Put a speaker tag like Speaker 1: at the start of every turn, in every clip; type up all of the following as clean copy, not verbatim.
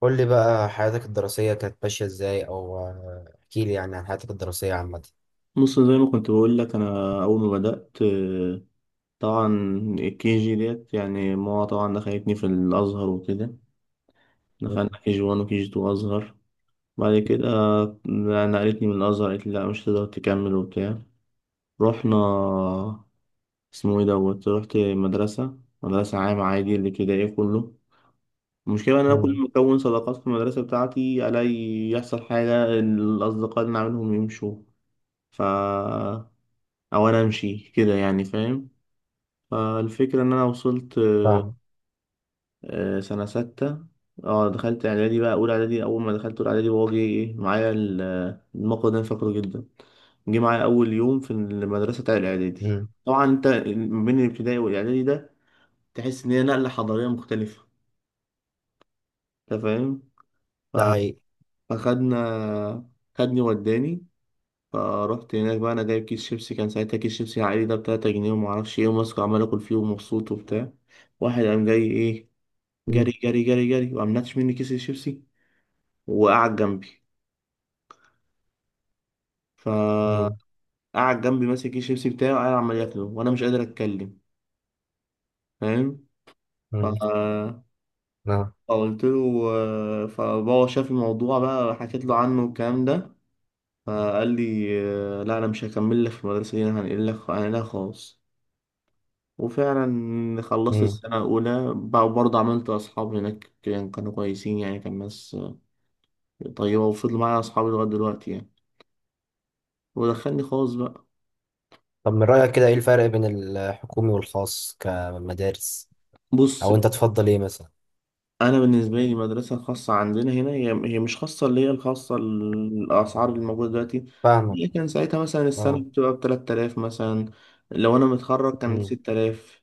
Speaker 1: قول لي بقى حياتك الدراسية كانت ماشية ازاي او احكي لي يعني عن حياتك الدراسية عامة.
Speaker 2: بص، زي ما كنت بقول لك انا اول ما بدات طبعا الكي جي ديت، يعني ماما طبعا دخلتني في الازهر وكده. دخلنا كي جي 1 وكي جي 2 ازهر. بعد كده نقلتني من الازهر، قالت لي لا مش هتقدر تكمل وبتاع. رحنا اسمه ايه دوت، رحت مدرسه مدرسه عامه، عادي اللي كده ايه كله. المشكله ان انا كل
Speaker 1: مم.
Speaker 2: ما اكون صداقات في المدرسه بتاعتي الاقي يحصل حاجه، الاصدقاء اللي أنا عاملهم يمشوا، ف او انا امشي كده، يعني فاهم. فالفكرة إن أنا وصلت
Speaker 1: فاهم.
Speaker 2: سنة ستة. اه دخلت إعدادي بقى، أولى إعدادي. أول ما دخلت أولى إعدادي بابا جه إيه معايا الموقف ده أنا فاكره جدا. جه معايا أول يوم في المدرسة بتاع الإعدادي.
Speaker 1: مم.
Speaker 2: طبعا أنت ما بين الابتدائي والإعدادي ده، تحس إن هي نقلة حضارية مختلفة، أنت فاهم.
Speaker 1: ده حقيقي.
Speaker 2: فخدنا خدني وداني. فروحت هناك بقى، أنا جايب كيس شيبسي، كان ساعتها كيس شيبسي عائلي ده بتلاتة جنيه، ومعرفش إيه، وماسكه عمال آكل فيه ومبسوط وبتاع. واحد قام جاي إيه،
Speaker 1: مم.
Speaker 2: جري جري جري جري، وقام ناتش مني كيس الشيبسي وقعد جنبي.
Speaker 1: مم.
Speaker 2: فقعد جنبي ماسك كيس الشيبسي بتاعي، وقاعد عمال ياكله وانا مش قادر اتكلم، فاهم. ف-
Speaker 1: مم. نعم.
Speaker 2: فقلت له. فبابا شاف الموضوع بقى، حكيت له عنه والكلام ده. فقال لي لا انا مش هكمل لك في المدرسه دي، انا هنقل لك، هنقلها خالص. وفعلا خلصت
Speaker 1: مم.
Speaker 2: السنه الاولى بقى، برضه عملت اصحاب هناك، كانوا كويسين يعني، كان ناس طيبه، وفضلوا معايا اصحابي لغايه دلوقتي يعني. ودخلني خالص بقى.
Speaker 1: طب من رأيك كده ايه الفرق بين الحكومي والخاص كمدارس؟
Speaker 2: بص،
Speaker 1: او انت تفضل ايه مثلا؟
Speaker 2: انا بالنسبه لي المدرسه الخاصه عندنا هنا، هي مش خاصه، اللي هي الخاصه الاسعار اللي موجوده دلوقتي.
Speaker 1: فاهمك.
Speaker 2: هي كان ساعتها مثلا السنه
Speaker 1: اه.
Speaker 2: بتبقى ب 3000 مثلا. لو انا متخرج كان
Speaker 1: مم.
Speaker 2: 6000.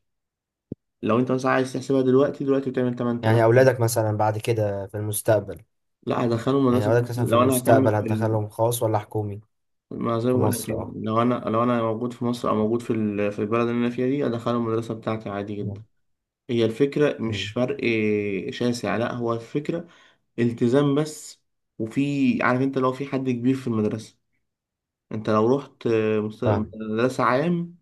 Speaker 2: لو انت مثلا عايز تحسبها دلوقتي، بتعمل 8000.
Speaker 1: يعني اولادك مثلا بعد كده في المستقبل.
Speaker 2: لا، هدخله
Speaker 1: يعني
Speaker 2: مدرسه
Speaker 1: اولادك
Speaker 2: خاصة.
Speaker 1: مثلا في
Speaker 2: لو انا هكمل
Speaker 1: المستقبل
Speaker 2: في
Speaker 1: هتدخلهم خاص ولا حكومي؟
Speaker 2: ما زي ما
Speaker 1: في
Speaker 2: بقول لك،
Speaker 1: مصر
Speaker 2: يعني
Speaker 1: اه.
Speaker 2: لو انا موجود في مصر، او موجود في في البلد اللي انا فيها دي، ادخله المدرسه بتاعتي عادي جدا.
Speaker 1: مم.
Speaker 2: هي الفكره مش
Speaker 1: مم.
Speaker 2: فرق شاسع، لا هو الفكره التزام بس. وفي عارف انت لو في حد كبير في المدرسة، انت لو رحت
Speaker 1: فاهم.
Speaker 2: مدرسة عام،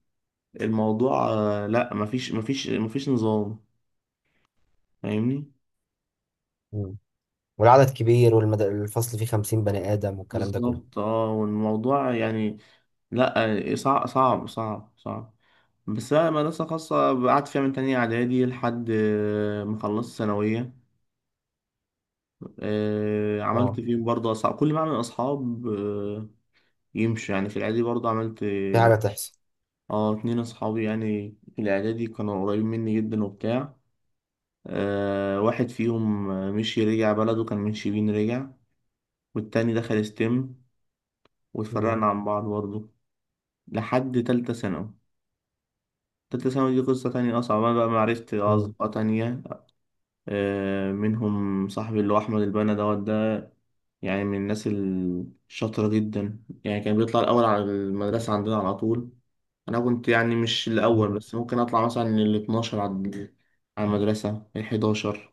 Speaker 2: الموضوع لا مفيش مفيش مفيش نظام، فاهمني.
Speaker 1: مم. والعدد كبير والفصل فيه خمسين بني آدم والكلام ده كله.
Speaker 2: بالظبط، والموضوع يعني، لا صعب صعب صعب صعب، بس بقى مدرسة خاصة. قعدت فيها من تانية إعدادي لحد ما خلصت ثانوية. عملت
Speaker 1: اه،
Speaker 2: فيه برضه أصحاب، كل ما أعمل أصحاب يمشوا يعني. في الإعدادي برضه عملت
Speaker 1: في حاجة تحصل.
Speaker 2: اه اتنين اصحابي، يعني في الاعدادي كانوا قريبين مني جدا وبتاع. واحد فيهم مشي رجع بلده، كان من شبين رجع. والتاني دخل ستيم،
Speaker 1: مم.
Speaker 2: واتفرقنا عن بعض برضه لحد تالتة ثانوي. تالتة ثانوي دي قصة تانية أصعب، أنا بقى معرفت
Speaker 1: مم.
Speaker 2: أصدقاء تانية، منهم صاحبي اللي هو أحمد البنا دوت، يعني من الناس الشاطرة جدا. يعني كان بيطلع الأول على المدرسة عندنا على طول. أنا كنت يعني مش الأول،
Speaker 1: مم.
Speaker 2: بس ممكن أطلع مثلا ال 12 على المدرسة ال 11.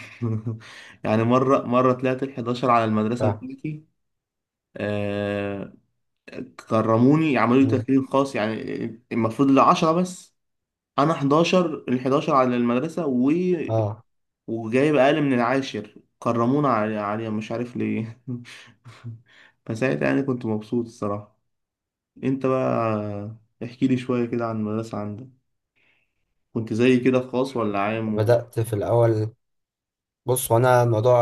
Speaker 2: يعني مرة مرة طلعت ال 11 على المدرسة
Speaker 1: فاهم.
Speaker 2: بتاعتي. آه كرموني، عملوا لي
Speaker 1: مم.
Speaker 2: تكريم خاص يعني، المفروض ال 10 بس أنا 11، ال 11 على المدرسة
Speaker 1: اه
Speaker 2: وجايب أقل من العاشر، كرمونا عليها، مش عارف ليه. فساعتها يعني كنت مبسوط الصراحة. انت بقى، احكي لي شوية كده عن المدرسة عندك، كنت زي كده في خاص ولا عام
Speaker 1: بدأت في الأول. بص، وأنا الموضوع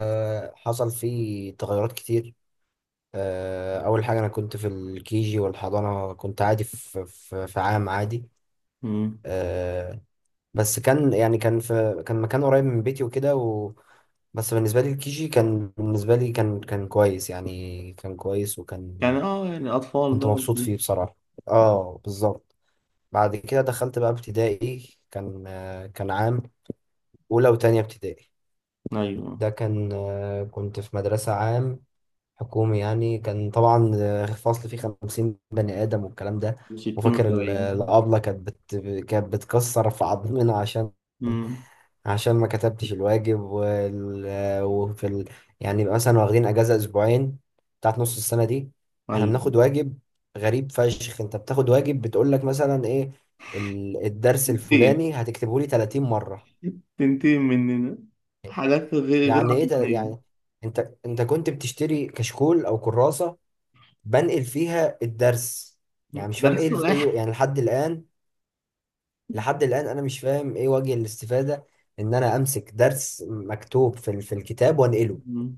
Speaker 1: حصل فيه تغيرات كتير. أول حاجة أنا كنت في الكيجي والحضانة، كنت عادي في عام عادي.
Speaker 2: مم.
Speaker 1: آه، بس كان يعني كان مكان قريب من بيتي وكده و... بس بالنسبة لي الكيجي كان بالنسبة لي كان كويس، يعني كان كويس وكان
Speaker 2: يعني يعني أطفال
Speaker 1: كنت
Speaker 2: بقى
Speaker 1: مبسوط
Speaker 2: وكده.
Speaker 1: فيه بصراحة. اه بالظبط. بعد كده دخلت بقى ابتدائي، كان كان عام، أولى وتانية ابتدائي.
Speaker 2: أيوه،
Speaker 1: ده كان، كنت في مدرسة عام حكومي يعني. كان طبعا فصل فيه خمسين بني آدم والكلام ده.
Speaker 2: ستين
Speaker 1: وفاكر
Speaker 2: وسبعين
Speaker 1: الأبلة كانت بتكسر في عظمنا عشان
Speaker 2: مم.
Speaker 1: عشان ما كتبتش الواجب يعني يبقى مثلا واخدين اجازه اسبوعين بتاعت نص السنه دي، احنا
Speaker 2: أيوه،
Speaker 1: بناخد واجب. غريب فشخ، انت بتاخد واجب بتقول لك مثلا ايه الدرس
Speaker 2: تنتقم،
Speaker 1: الفلاني هتكتبه لي 30 مره.
Speaker 2: تنتقم مننا حاجات غير
Speaker 1: يعني ايه يعني
Speaker 2: عقلانية.
Speaker 1: انت كنت بتشتري كشكول او كراسه بنقل فيها الدرس؟ يعني مش فاهم
Speaker 2: درس
Speaker 1: ايه
Speaker 2: واحد.
Speaker 1: ايه يعني لحد الان. لحد الان انا مش فاهم ايه وجه الاستفاده ان انا امسك درس مكتوب في الكتاب وانقله.
Speaker 2: مم.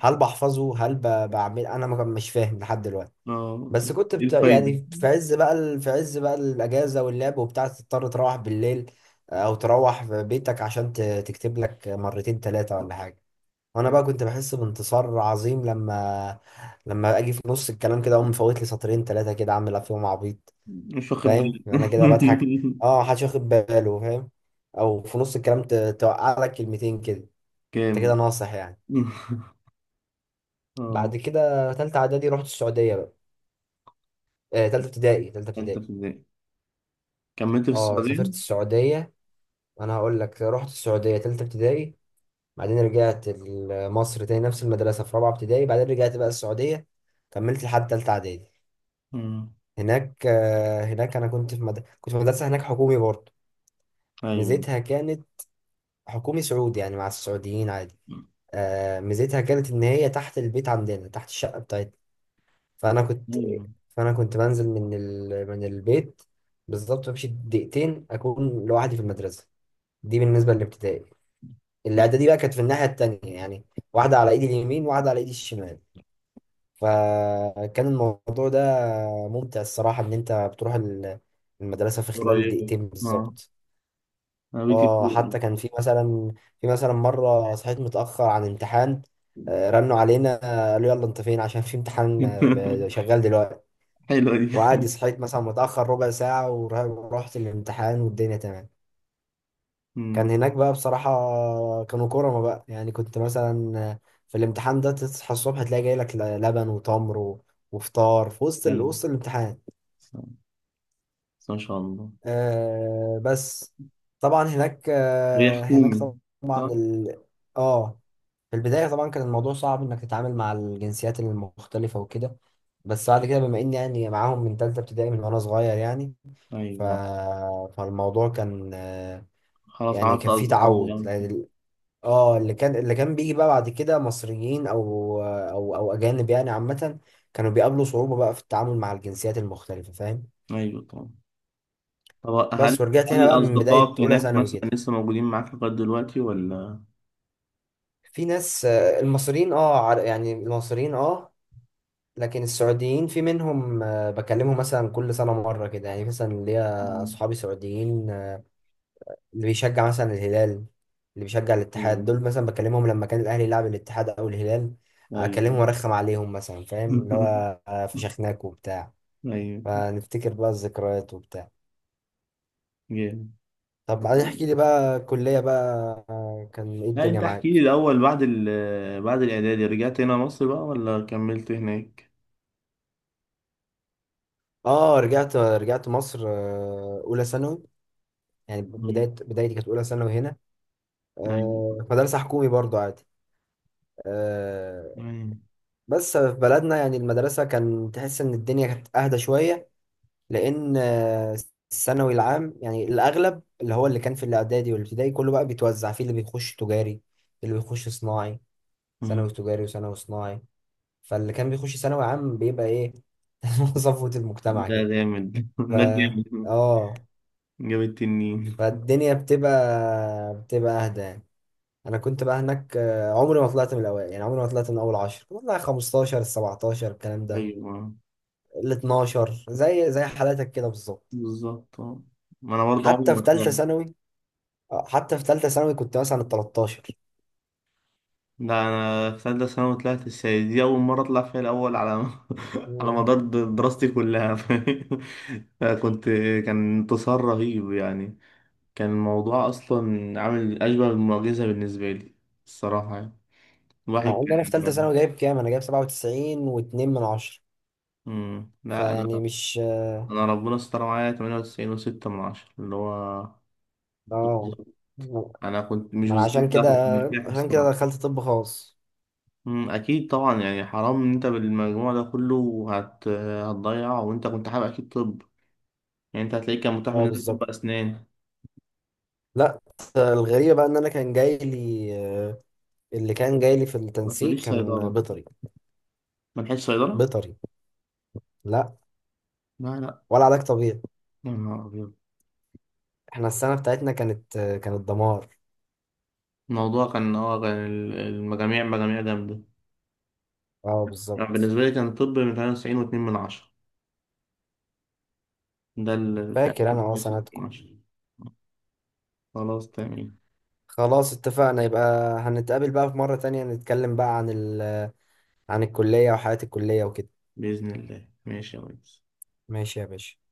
Speaker 1: هل بحفظه؟ هل بعمل انا ما كان- مش فاهم لحد دلوقتي.
Speaker 2: اه
Speaker 1: بس
Speaker 2: ايه الفايدة.
Speaker 1: يعني في عز بقى في عز بقى الاجازه واللعب وبتاع، تضطر تروح بالليل، او تروح في بيتك عشان تكتب لك مرتين ثلاثه ولا حاجه. وانا بقى كنت بحس بانتصار عظيم لما لما اجي في نص الكلام كده اقوم مفوت لي سطرين ثلاثه كده اعمل فيهم عبيط.
Speaker 2: مش واخد
Speaker 1: فاهم
Speaker 2: بالي.
Speaker 1: انا كده بضحك. اه محدش واخد باله، فاهم؟ او في نص الكلام توقع لك كلمتين كده.
Speaker 2: كام.
Speaker 1: انت كده ناصح يعني.
Speaker 2: اه،
Speaker 1: بعد كده تالتة اعدادي رحت السعوديه بقى. تالتة ابتدائي، تالتة
Speaker 2: تالتة في
Speaker 1: ابتدائي.
Speaker 2: ابتدائي، كملت في
Speaker 1: اه
Speaker 2: السعودية.
Speaker 1: سافرت السعودية. انا هقول لك، رحت السعودية تالتة ابتدائي، بعدين رجعت مصر تاني نفس المدرسة في رابعة ابتدائي، بعدين رجعت بقى السعودية، كملت لحد تالتة اعدادي
Speaker 2: مم.
Speaker 1: هناك. هناك انا كنت في مدرسة هناك حكومي برضه.
Speaker 2: أيوة،
Speaker 1: ميزتها كانت حكومي سعودي يعني مع السعوديين عادي. ميزتها كانت ان هي تحت البيت عندنا، تحت الشقة بتاعتنا. فانا
Speaker 2: أيوة،
Speaker 1: فانا كنت بنزل من البيت بالظبط، بمشي دقيقتين اكون لوحدي في المدرسة. دي بالنسبة للابتدائي. الإعدادي بقى كانت في الناحية التانية يعني، واحدة على إيدي اليمين وواحدة على إيدي الشمال. فكان الموضوع ده ممتع الصراحة، إن أنت بتروح المدرسة في خلال
Speaker 2: قريبة.
Speaker 1: دقيقتين
Speaker 2: اه،
Speaker 1: بالظبط.
Speaker 2: أنا بيتي في
Speaker 1: اه حتى
Speaker 2: السعودية.
Speaker 1: كان في مثلا، في مثلا مرة صحيت متأخر عن امتحان، رنوا علينا، قالوا يلا انت فين؟ عشان في امتحان شغال دلوقتي.
Speaker 2: حلوة دي.
Speaker 1: وعادي صحيت مثلا متأخر ربع ساعة ورحت الامتحان والدنيا تمام. كان
Speaker 2: مم.
Speaker 1: هناك بقى بصراحة كانوا كرما بقى، يعني كنت مثلا في الامتحان ده تصحى الصبح تلاقي جاي لك لبن وتمر و- وفطار في وسط
Speaker 2: حلوة.
Speaker 1: وسط الامتحان.
Speaker 2: بس، بس ما شاء الله.
Speaker 1: آه بس. طبعا هناك
Speaker 2: هي حكومي صح؟
Speaker 1: اه في البداية طبعا كان الموضوع صعب انك تتعامل مع الجنسيات المختلفة وكده، بس بعد كده بما اني يعني معاهم من تالتة ابتدائي، من وانا صغير يعني. ف...
Speaker 2: أيوة.
Speaker 1: فالموضوع كان
Speaker 2: خلاص
Speaker 1: يعني
Speaker 2: عملت
Speaker 1: كان فيه
Speaker 2: أصدقاء
Speaker 1: تعود.
Speaker 2: يعني كده.
Speaker 1: اه، اللي كان بيجي بقى بعد كده مصريين او اجانب يعني عامه، كانوا بيقابلوا صعوبه بقى في التعامل مع الجنسيات المختلفه، فاهم.
Speaker 2: أيوة طبعا. طب
Speaker 1: بس
Speaker 2: هل
Speaker 1: ورجعت هنا
Speaker 2: هل
Speaker 1: بقى من بدايه
Speaker 2: أصدقائك
Speaker 1: اولى
Speaker 2: هناك
Speaker 1: ثانوي
Speaker 2: مثلا
Speaker 1: كده.
Speaker 2: لسه موجودين معاك لغاية دلوقتي ولا؟
Speaker 1: في ناس، المصريين اه يعني المصريين اه. لكن السعوديين في منهم، بكلمهم مثلا كل سنه مره كده، يعني مثلا ليا
Speaker 2: مم.
Speaker 1: اصحابي سعوديين اللي بيشجع مثلا الهلال، اللي بيشجع الاتحاد،
Speaker 2: أيوة،
Speaker 1: دول مثلا بكلمهم لما كان الاهلي يلعب الاتحاد او الهلال، اكلمهم
Speaker 2: أيوة.
Speaker 1: وارخم عليهم مثلا، فاهم؟ اللي هو فشخناك وبتاع.
Speaker 2: أيوه،
Speaker 1: فنفتكر بقى الذكريات وبتاع.
Speaker 2: جامد.
Speaker 1: طب بعدين احكي لي بقى الكلية بقى، كان ايه
Speaker 2: لا
Speaker 1: الدنيا
Speaker 2: انت احكي لي
Speaker 1: معاك؟
Speaker 2: الاول، بعد بعد الاعدادي رجعت هنا مصر بقى ولا كملت هناك؟
Speaker 1: اه، رجعت مصر اولى ثانوي. يعني بداية
Speaker 2: مم.
Speaker 1: بدايتي كانت اولى ثانوي هنا.
Speaker 2: أيوة.
Speaker 1: في مدرسة حكومي برضو عادي. آه،
Speaker 2: أيوة.
Speaker 1: بس في بلدنا يعني المدرسة كان تحس ان الدنيا كانت اهدى شوية، لان الثانوي العام يعني الاغلب، اللي هو اللي كان في الاعدادي والابتدائي كله بقى بيتوزع في اللي بيخش تجاري، اللي بيخش صناعي.
Speaker 2: مم.
Speaker 1: ثانوي تجاري وثانوي صناعي. فاللي كان بيخش ثانوي عام بيبقى ايه؟ صفوة المجتمع
Speaker 2: ده
Speaker 1: كده.
Speaker 2: جامد.
Speaker 1: ف
Speaker 2: ده جامد،
Speaker 1: اه
Speaker 2: جاب التنين.
Speaker 1: فالدنيا بتبقى اهدى يعني. انا كنت بقى هناك، عمري ما طلعت من الاوائل، يعني عمري ما طلعت من اول عشر والله، 15 17 الكلام ده.
Speaker 2: ايوه
Speaker 1: ال 12 زي حالاتك كده بالظبط.
Speaker 2: بالظبط. آه. ما انا برضه عمري
Speaker 1: حتى
Speaker 2: ما
Speaker 1: في
Speaker 2: طلعت.
Speaker 1: ثالثه ثانوي حتى في ثالثه ثانوي كنت مثلا ال 13.
Speaker 2: لا انا في ثالثه ثانوي طلعت السيد دي اول مره اطلع فيها الاول على على
Speaker 1: مم.
Speaker 2: مدار دراستي كلها. فكنت كان انتصار رهيب يعني، كان الموضوع اصلا عامل اشبه بمعجزه بالنسبه لي الصراحه يعني. الواحد
Speaker 1: مع ان انا في ثالثه
Speaker 2: كان.
Speaker 1: ثانوي جايب كام؟ انا جايب 97 و2 من 10.
Speaker 2: مم. لا
Speaker 1: فيعني
Speaker 2: انا
Speaker 1: مش
Speaker 2: ربنا ستر معايا 98 و6 من عشرة، اللي هو
Speaker 1: اه.
Speaker 2: بالظبط. انا كنت مش
Speaker 1: ما انا
Speaker 2: بالظبط،
Speaker 1: عشان
Speaker 2: لا
Speaker 1: كده،
Speaker 2: كنت مرتاح
Speaker 1: عشان كده
Speaker 2: الصراحه.
Speaker 1: دخلت طب خاص.
Speaker 2: مم. اكيد طبعا، يعني حرام ان انت بالمجموع ده كله هتضيع وانت كنت حابب اكيد طب، يعني انت هتلاقيك كان متاح
Speaker 1: اه
Speaker 2: بالنسبه لك طب
Speaker 1: بالظبط.
Speaker 2: اسنان.
Speaker 1: لا، الغريبه بقى ان انا كان جاي لي آه، اللي كان جاي لي في
Speaker 2: ما
Speaker 1: التنسيق
Speaker 2: تقوليش
Speaker 1: كان
Speaker 2: صيدله،
Speaker 1: بيطري.
Speaker 2: ما لحقتش صيدله،
Speaker 1: بيطري. لا.
Speaker 2: لا لا.
Speaker 1: ولا علاج طبيعي.
Speaker 2: يا نهار ابيض،
Speaker 1: احنا السنه بتاعتنا كانت كانت دمار.
Speaker 2: الموضوع كان المجاميع مجاميع جامده،
Speaker 1: اه
Speaker 2: يعني
Speaker 1: بالظبط.
Speaker 2: بالنسبه لي كان طب من 98 و2 من عشرة، ده اللي كان
Speaker 1: فاكر انا اه
Speaker 2: 98
Speaker 1: سنتكم.
Speaker 2: من عشرة. خلاص تمام.
Speaker 1: خلاص اتفقنا، يبقى هنتقابل بقى في مرة تانية نتكلم بقى عن الكلية وحياة الكلية وكده.
Speaker 2: بإذن الله ماشي يا ريس.
Speaker 1: ماشي يا باشا.